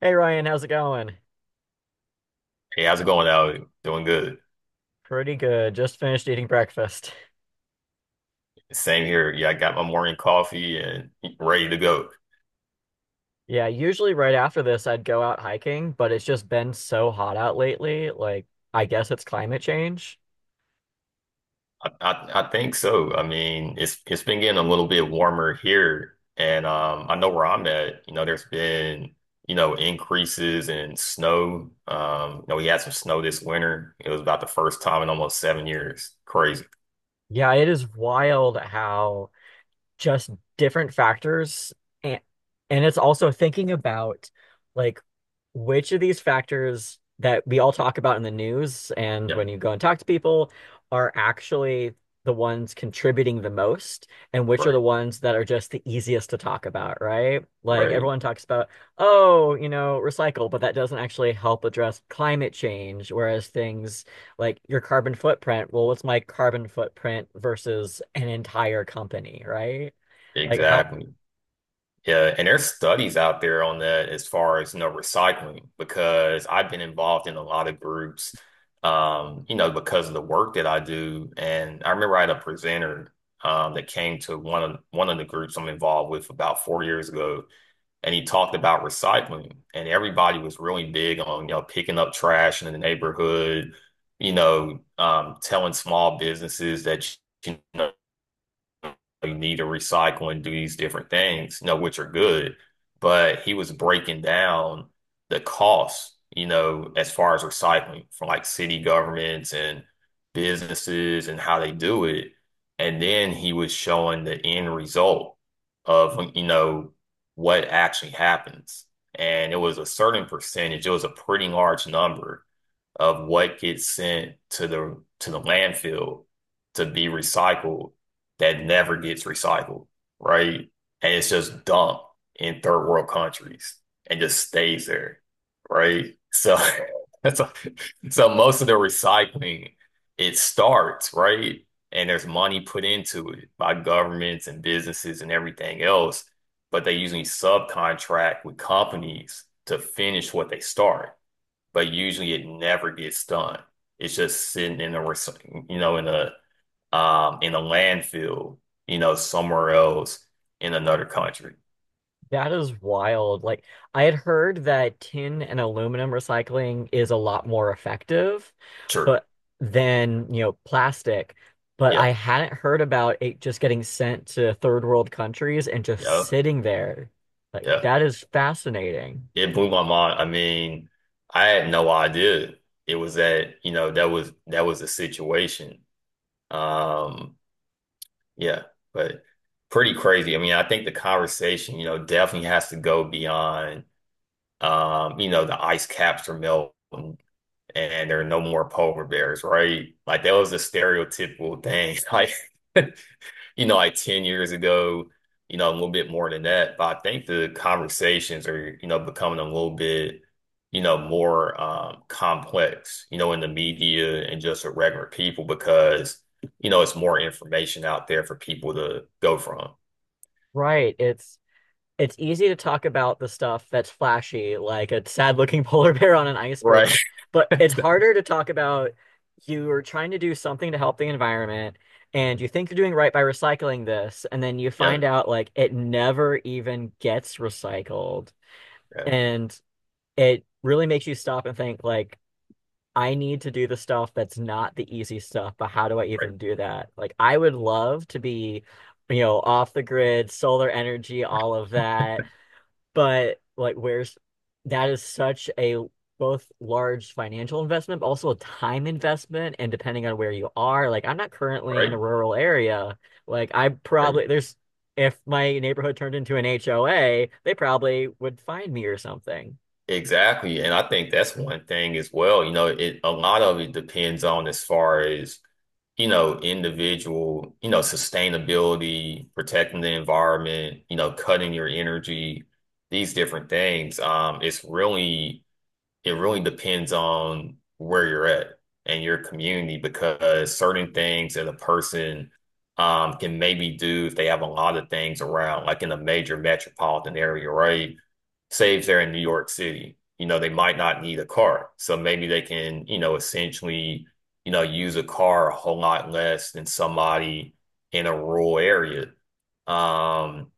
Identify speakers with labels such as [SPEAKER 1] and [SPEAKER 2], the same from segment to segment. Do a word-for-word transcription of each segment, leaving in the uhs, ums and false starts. [SPEAKER 1] Hey Ryan, how's it going?
[SPEAKER 2] Hey, how's it going out? Doing good.
[SPEAKER 1] Pretty good. Just finished eating breakfast.
[SPEAKER 2] Same here. Yeah, I got my morning coffee and ready to go.
[SPEAKER 1] Yeah, usually right after this I'd go out hiking, but it's just been so hot out lately. Like, I guess it's climate change.
[SPEAKER 2] I, I, I think so. I mean, it's it's been getting a little bit warmer here, and um, I know where I'm at. You know, there's been you know increases in snow. Um, you know, we had some snow this winter. It was about the first time in almost seven years. Crazy.
[SPEAKER 1] Yeah, it is wild how just different factors and and it's also thinking about like which of these factors that we all talk about in the news and
[SPEAKER 2] Yeah.
[SPEAKER 1] when you go and talk to people are actually the ones contributing the most and which are the
[SPEAKER 2] Right.
[SPEAKER 1] ones that are just the easiest to talk about, right? Like
[SPEAKER 2] Right.
[SPEAKER 1] everyone talks about, oh, you know, recycle, but that doesn't actually help address climate change, whereas things like your carbon footprint. Well, what's my carbon footprint versus an entire company, right? Like how
[SPEAKER 2] Exactly. Yeah, and there's studies out there on that as far as, you know, recycling, because I've been involved in a lot of groups, um, you know, because of the work that I do. And I remember I had a presenter um, that came to one of one of the groups I'm involved with about four years ago, and he talked about recycling. And everybody was really big on, you know, picking up trash in the neighborhood, you know, um, telling small businesses that, you know, you need to recycle and do these different things, you know, which are good. But he was breaking down the costs, you know, as far as recycling for like city governments and businesses and how they do it. And then he was showing the end result of, you know, what actually happens. And it was a certain percentage, it was a pretty large number of what gets sent to the to the landfill to be recycled that never gets recycled, right? And it's just dumped in third world countries and just stays there, right? So that's a, so most of the recycling it starts, right? And there's money put into it by governments and businesses and everything else, but they usually subcontract with companies to finish what they start but usually it never gets done. It's just sitting in a, recy- you know, in a um in a landfill, you know, somewhere else in another country.
[SPEAKER 1] that is wild. Like I had heard that tin and aluminum recycling is a lot more effective,
[SPEAKER 2] Sure.
[SPEAKER 1] but than, you know, plastic. But
[SPEAKER 2] Yeah.
[SPEAKER 1] I hadn't heard about it just getting sent to third world countries and just
[SPEAKER 2] Yeah.
[SPEAKER 1] sitting there. Like
[SPEAKER 2] Yeah.
[SPEAKER 1] that is fascinating.
[SPEAKER 2] It blew my mind. I mean, I had no idea it was that, you know, that was that was the situation. Um, yeah, but pretty crazy. I mean, I think the conversation, you know, definitely has to go beyond um, you know, the ice caps are melting and there are no more polar bears, right? Like that was a stereotypical thing. Like, you know, like ten years ago, you know, a little bit more than that. But I think the conversations are, you know, becoming a little bit, you know, more um, complex, you know, in the media and just with regular people because, you know, it's more information out there for people to go from.
[SPEAKER 1] Right. It's it's easy to talk about the stuff that's flashy, like a sad looking polar bear on an
[SPEAKER 2] Right.
[SPEAKER 1] iceberg, but it's harder to talk about you are trying to do something to help the environment and you think you're doing right by recycling this, and then you
[SPEAKER 2] Yeah.
[SPEAKER 1] find out like it never even gets recycled.
[SPEAKER 2] Yeah.
[SPEAKER 1] And it really makes you stop and think like I need to do the stuff that's not the easy stuff, but how do I
[SPEAKER 2] Right.
[SPEAKER 1] even do that? Like I would love to be, you know, off the grid, solar energy,
[SPEAKER 2] Right.
[SPEAKER 1] all of that but like, where's that is such a both large financial investment, but also a time investment. And depending on where you are, like, I'm not currently in a
[SPEAKER 2] Right.
[SPEAKER 1] rural area. Like, I
[SPEAKER 2] Right.
[SPEAKER 1] probably there's if my neighborhood turned into an H O A, they probably would find me or something.
[SPEAKER 2] Exactly. And I think that's one thing as well. You know, it a lot of it depends on as far as, you know, individual, you know, sustainability, protecting the environment, you know, cutting your energy, these different things. Um, it's really it really depends on where you're at and your community because certain things that a person um, can maybe do if they have a lot of things around, like in a major metropolitan area, right? Say if they're in New York City, you know, they might not need a car. So maybe they can, you know, essentially, you know, use a car a whole lot less than somebody in a rural area. Um,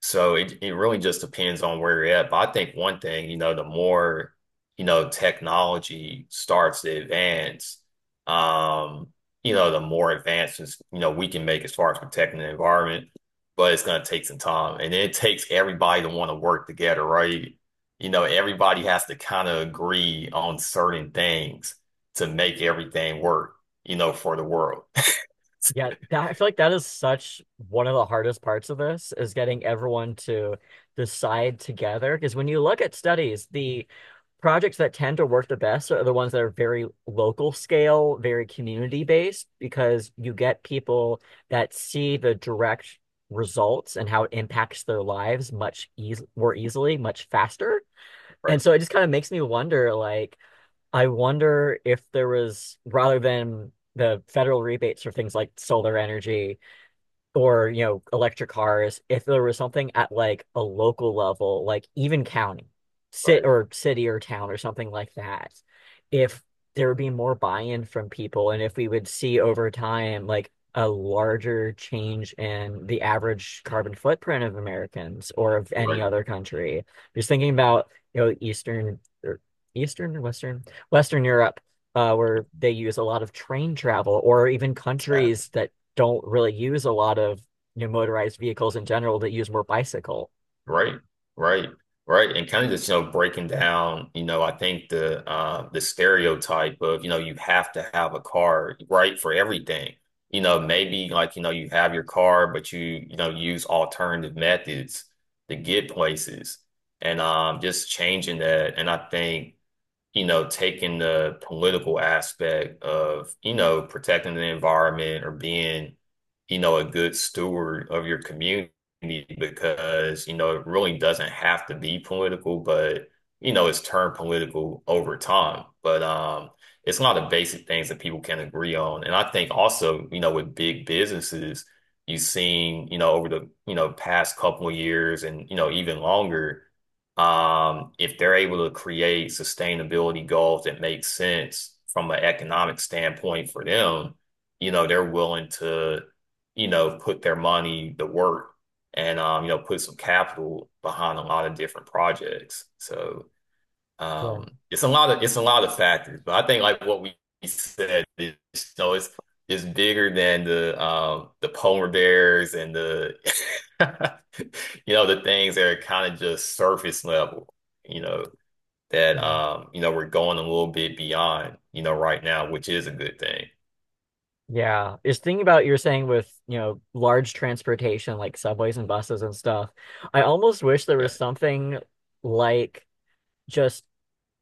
[SPEAKER 2] so it, it really just depends on where you're at. But I think one thing, you know, the more, you know, technology starts to advance, um, you know, the more advancements, you know, we can make as far as protecting the environment, but it's gonna take some time. And it takes everybody to want to work together, right? You know, everybody has to kind of agree on certain things to make everything work, you know, for the world.
[SPEAKER 1] Yeah, that, I feel like that is such one of the hardest parts of this is getting everyone to decide together. Because when you look at studies, the projects that tend to work the best are the ones that are very local scale, very community based, because you get people that see the direct results and how it impacts their lives much eas more easily, much faster.
[SPEAKER 2] Right,
[SPEAKER 1] And so it just kind of makes me wonder, like, I wonder if there was, rather than the federal rebates for things like solar energy, or you know electric cars if there was something at like a local level like even county sit
[SPEAKER 2] right,
[SPEAKER 1] or city or town or something like that if there would be more buy-in from people and if we would see over time like a larger change in the average carbon footprint of Americans or of any
[SPEAKER 2] right.
[SPEAKER 1] other country just thinking about you know Eastern or Eastern or Western Western Europe uh, where they use a lot of train travel or even
[SPEAKER 2] Exactly.
[SPEAKER 1] countries that don't really use a lot of you know, motorized vehicles in general that use more bicycle.
[SPEAKER 2] Right, right, right. And kind of just, you know, breaking down, you know, I think the uh the stereotype of, you know, you have to have a car, right, for everything. You know, maybe like, you know, you have your car, but you, you know, use alternative methods to get places and um just changing that. And I think you know, taking the political aspect of, you know, protecting the environment or being, you know, a good steward of your community because, you know, it really doesn't have to be political, but, you know, it's turned political over time. But um, it's a lot of basic things that people can agree on. And I think also, you know, with big businesses, you've seen, you know, over the, you know, past couple of years and, you know, even longer um, if they're able to create sustainability goals that make sense from an economic standpoint for them, you know, they're willing to, you know, put their money to work and um, you know, put some capital behind a lot of different projects. So
[SPEAKER 1] Yeah.
[SPEAKER 2] um, it's a lot of it's a lot of factors, but I think like what we said is you know, it's it's bigger than the um the polar bears and the you know the things that are kind of just surface level, you know, that
[SPEAKER 1] Mm.
[SPEAKER 2] um you know we're going a little bit beyond, you know, right now, which is a good thing.
[SPEAKER 1] Yeah, just thinking about you're saying with, you know, large transportation like subways and buses and stuff. I almost wish there
[SPEAKER 2] Yeah,
[SPEAKER 1] was something like just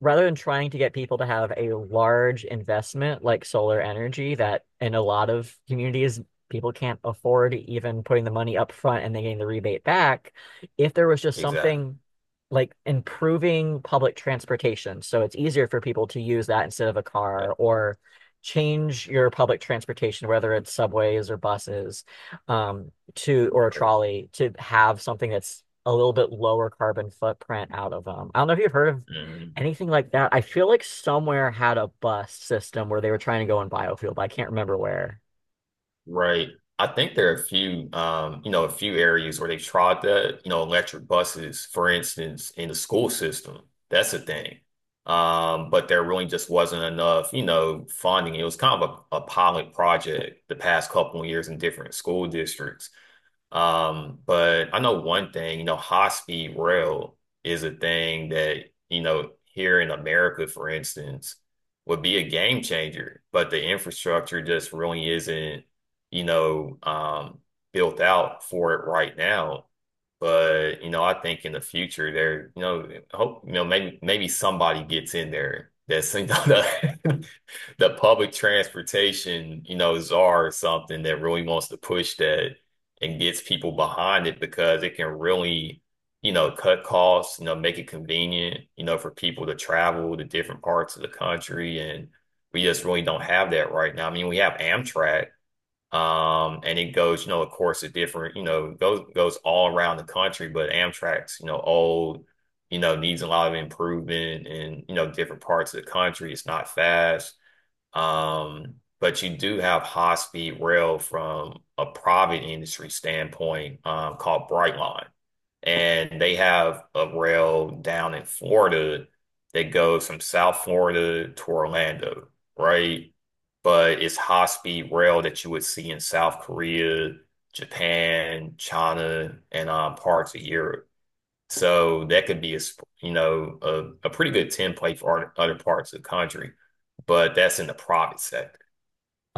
[SPEAKER 1] rather than trying to get people to have a large investment like solar energy that in a lot of communities people can't afford even putting the money up front and then getting the rebate back, if there was just
[SPEAKER 2] exactly.
[SPEAKER 1] something like improving public transportation so it's easier for people to use that instead of a
[SPEAKER 2] Yeah,
[SPEAKER 1] car or change your public transportation whether it's subways or buses um, to or a
[SPEAKER 2] great.
[SPEAKER 1] trolley to have something that's a little bit lower carbon footprint out of them. I don't know if you've heard of
[SPEAKER 2] Mhm.
[SPEAKER 1] anything like that. I feel like somewhere had a bus system where they were trying to go in biofuel, but I can't remember where.
[SPEAKER 2] Right. I think there are a few, um, you know, a few areas where they tried that, you know, electric buses, for instance, in the school system. That's a thing. Um, but there really just wasn't enough, you know, funding. It was kind of a, a pilot project the past couple of years in different school districts. Um, but I know one thing, you know, high speed rail is a thing that, you know, here in America, for instance, would be a game changer, but the infrastructure just really isn't, you know, um, built out for it right now. But, you know, I think in the future there, you know, I hope, you know, maybe maybe somebody gets in there that's, you know, the, the public transportation, you know, czar or something that really wants to push that and gets people behind it because it can really, you know, cut costs, you know, make it convenient, you know, for people to travel to different parts of the country. And we just really don't have that right now. I mean, we have Amtrak, um, and it goes, you know, of course, a different, you know, goes goes all around the country, but Amtrak's, you know, old, you know, needs a lot of improvement in, you know, different parts of the country. It's not fast. Um, but you do have high speed rail from a private industry standpoint, um, called Brightline. And they have a rail down in Florida that goes from South Florida to Orlando, right? But it's high speed rail that you would see in South Korea, Japan, China, and um, parts of Europe. So that could be a you know a, a pretty good template for other parts of the country, but that's in the private sector.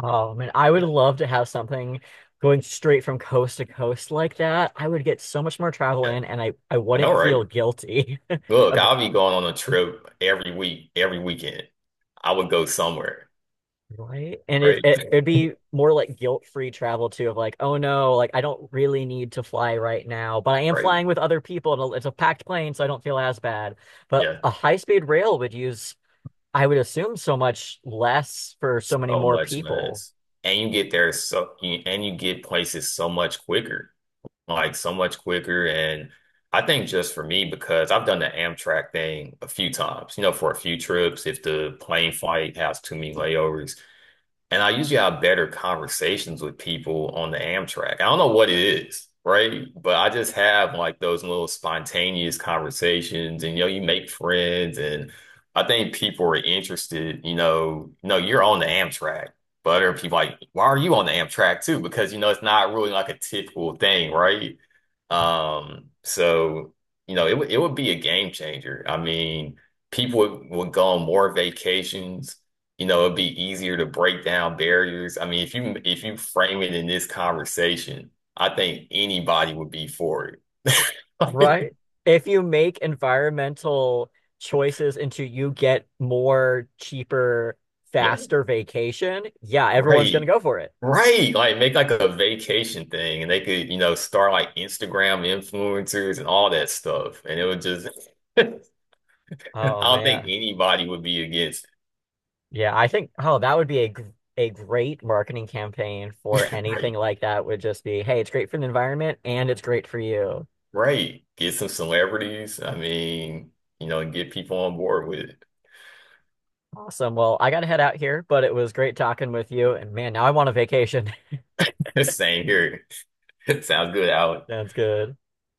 [SPEAKER 1] Oh man, I would
[SPEAKER 2] Yeah,
[SPEAKER 1] love to have something going straight from coast to coast like that. I would get so much more travel
[SPEAKER 2] yeah,
[SPEAKER 1] in and I, I
[SPEAKER 2] I know,
[SPEAKER 1] wouldn't
[SPEAKER 2] right?
[SPEAKER 1] feel guilty
[SPEAKER 2] Look,
[SPEAKER 1] about
[SPEAKER 2] I'll be going on a trip every week, every weekend. I would go somewhere,
[SPEAKER 1] Right. And it,
[SPEAKER 2] right?
[SPEAKER 1] it it'd be more like guilt-free travel too of like, oh no, like I don't really need to fly right now, but I am
[SPEAKER 2] Right?
[SPEAKER 1] flying with other people and it's a packed plane, so I don't feel as bad. But
[SPEAKER 2] Yeah,
[SPEAKER 1] a high-speed rail would use I would assume so much less for so many
[SPEAKER 2] so
[SPEAKER 1] more
[SPEAKER 2] much
[SPEAKER 1] people,
[SPEAKER 2] less, and you get there so and you get places so much quicker. Like so much quicker. And I think just for me, because I've done the Amtrak thing a few times, you know, for a few trips, if the plane flight has too many layovers. And I usually have better conversations with people on the Amtrak. I don't know what it is, right? But I just have like those little spontaneous conversations and you know, you make friends and I think people are interested, you know, no, you're on the Amtrak. But other people like, why are you on the Amtrak too? Because you know, it's not really like a typical thing, right? Um, so you know, it would it would be a game changer. I mean, people would, would go on more vacations you know, It'd be easier to break down barriers. I mean, if you if you frame it in this conversation, I think anybody would be for it. Like,
[SPEAKER 1] right? If you make environmental choices into you get more cheaper,
[SPEAKER 2] yeah,
[SPEAKER 1] faster vacation, yeah, everyone's gonna
[SPEAKER 2] great.
[SPEAKER 1] go for it.
[SPEAKER 2] Right. Like make like a vacation thing and they could, you know, start like Instagram influencers and all that stuff. And it would just I
[SPEAKER 1] Oh
[SPEAKER 2] don't think
[SPEAKER 1] man.
[SPEAKER 2] anybody would be against
[SPEAKER 1] Yeah, I think oh that would be a gr- a great marketing campaign for
[SPEAKER 2] it.
[SPEAKER 1] anything
[SPEAKER 2] Right.
[SPEAKER 1] like that would just be, hey, it's great for the environment and it's great for you.
[SPEAKER 2] Right. Get some celebrities. I mean, you know, get people on board with
[SPEAKER 1] Awesome. Well, I gotta head out here, but it was great talking with you. And man, now I want a vacation.
[SPEAKER 2] it. Same here. Sounds good, Alex.
[SPEAKER 1] Sounds good.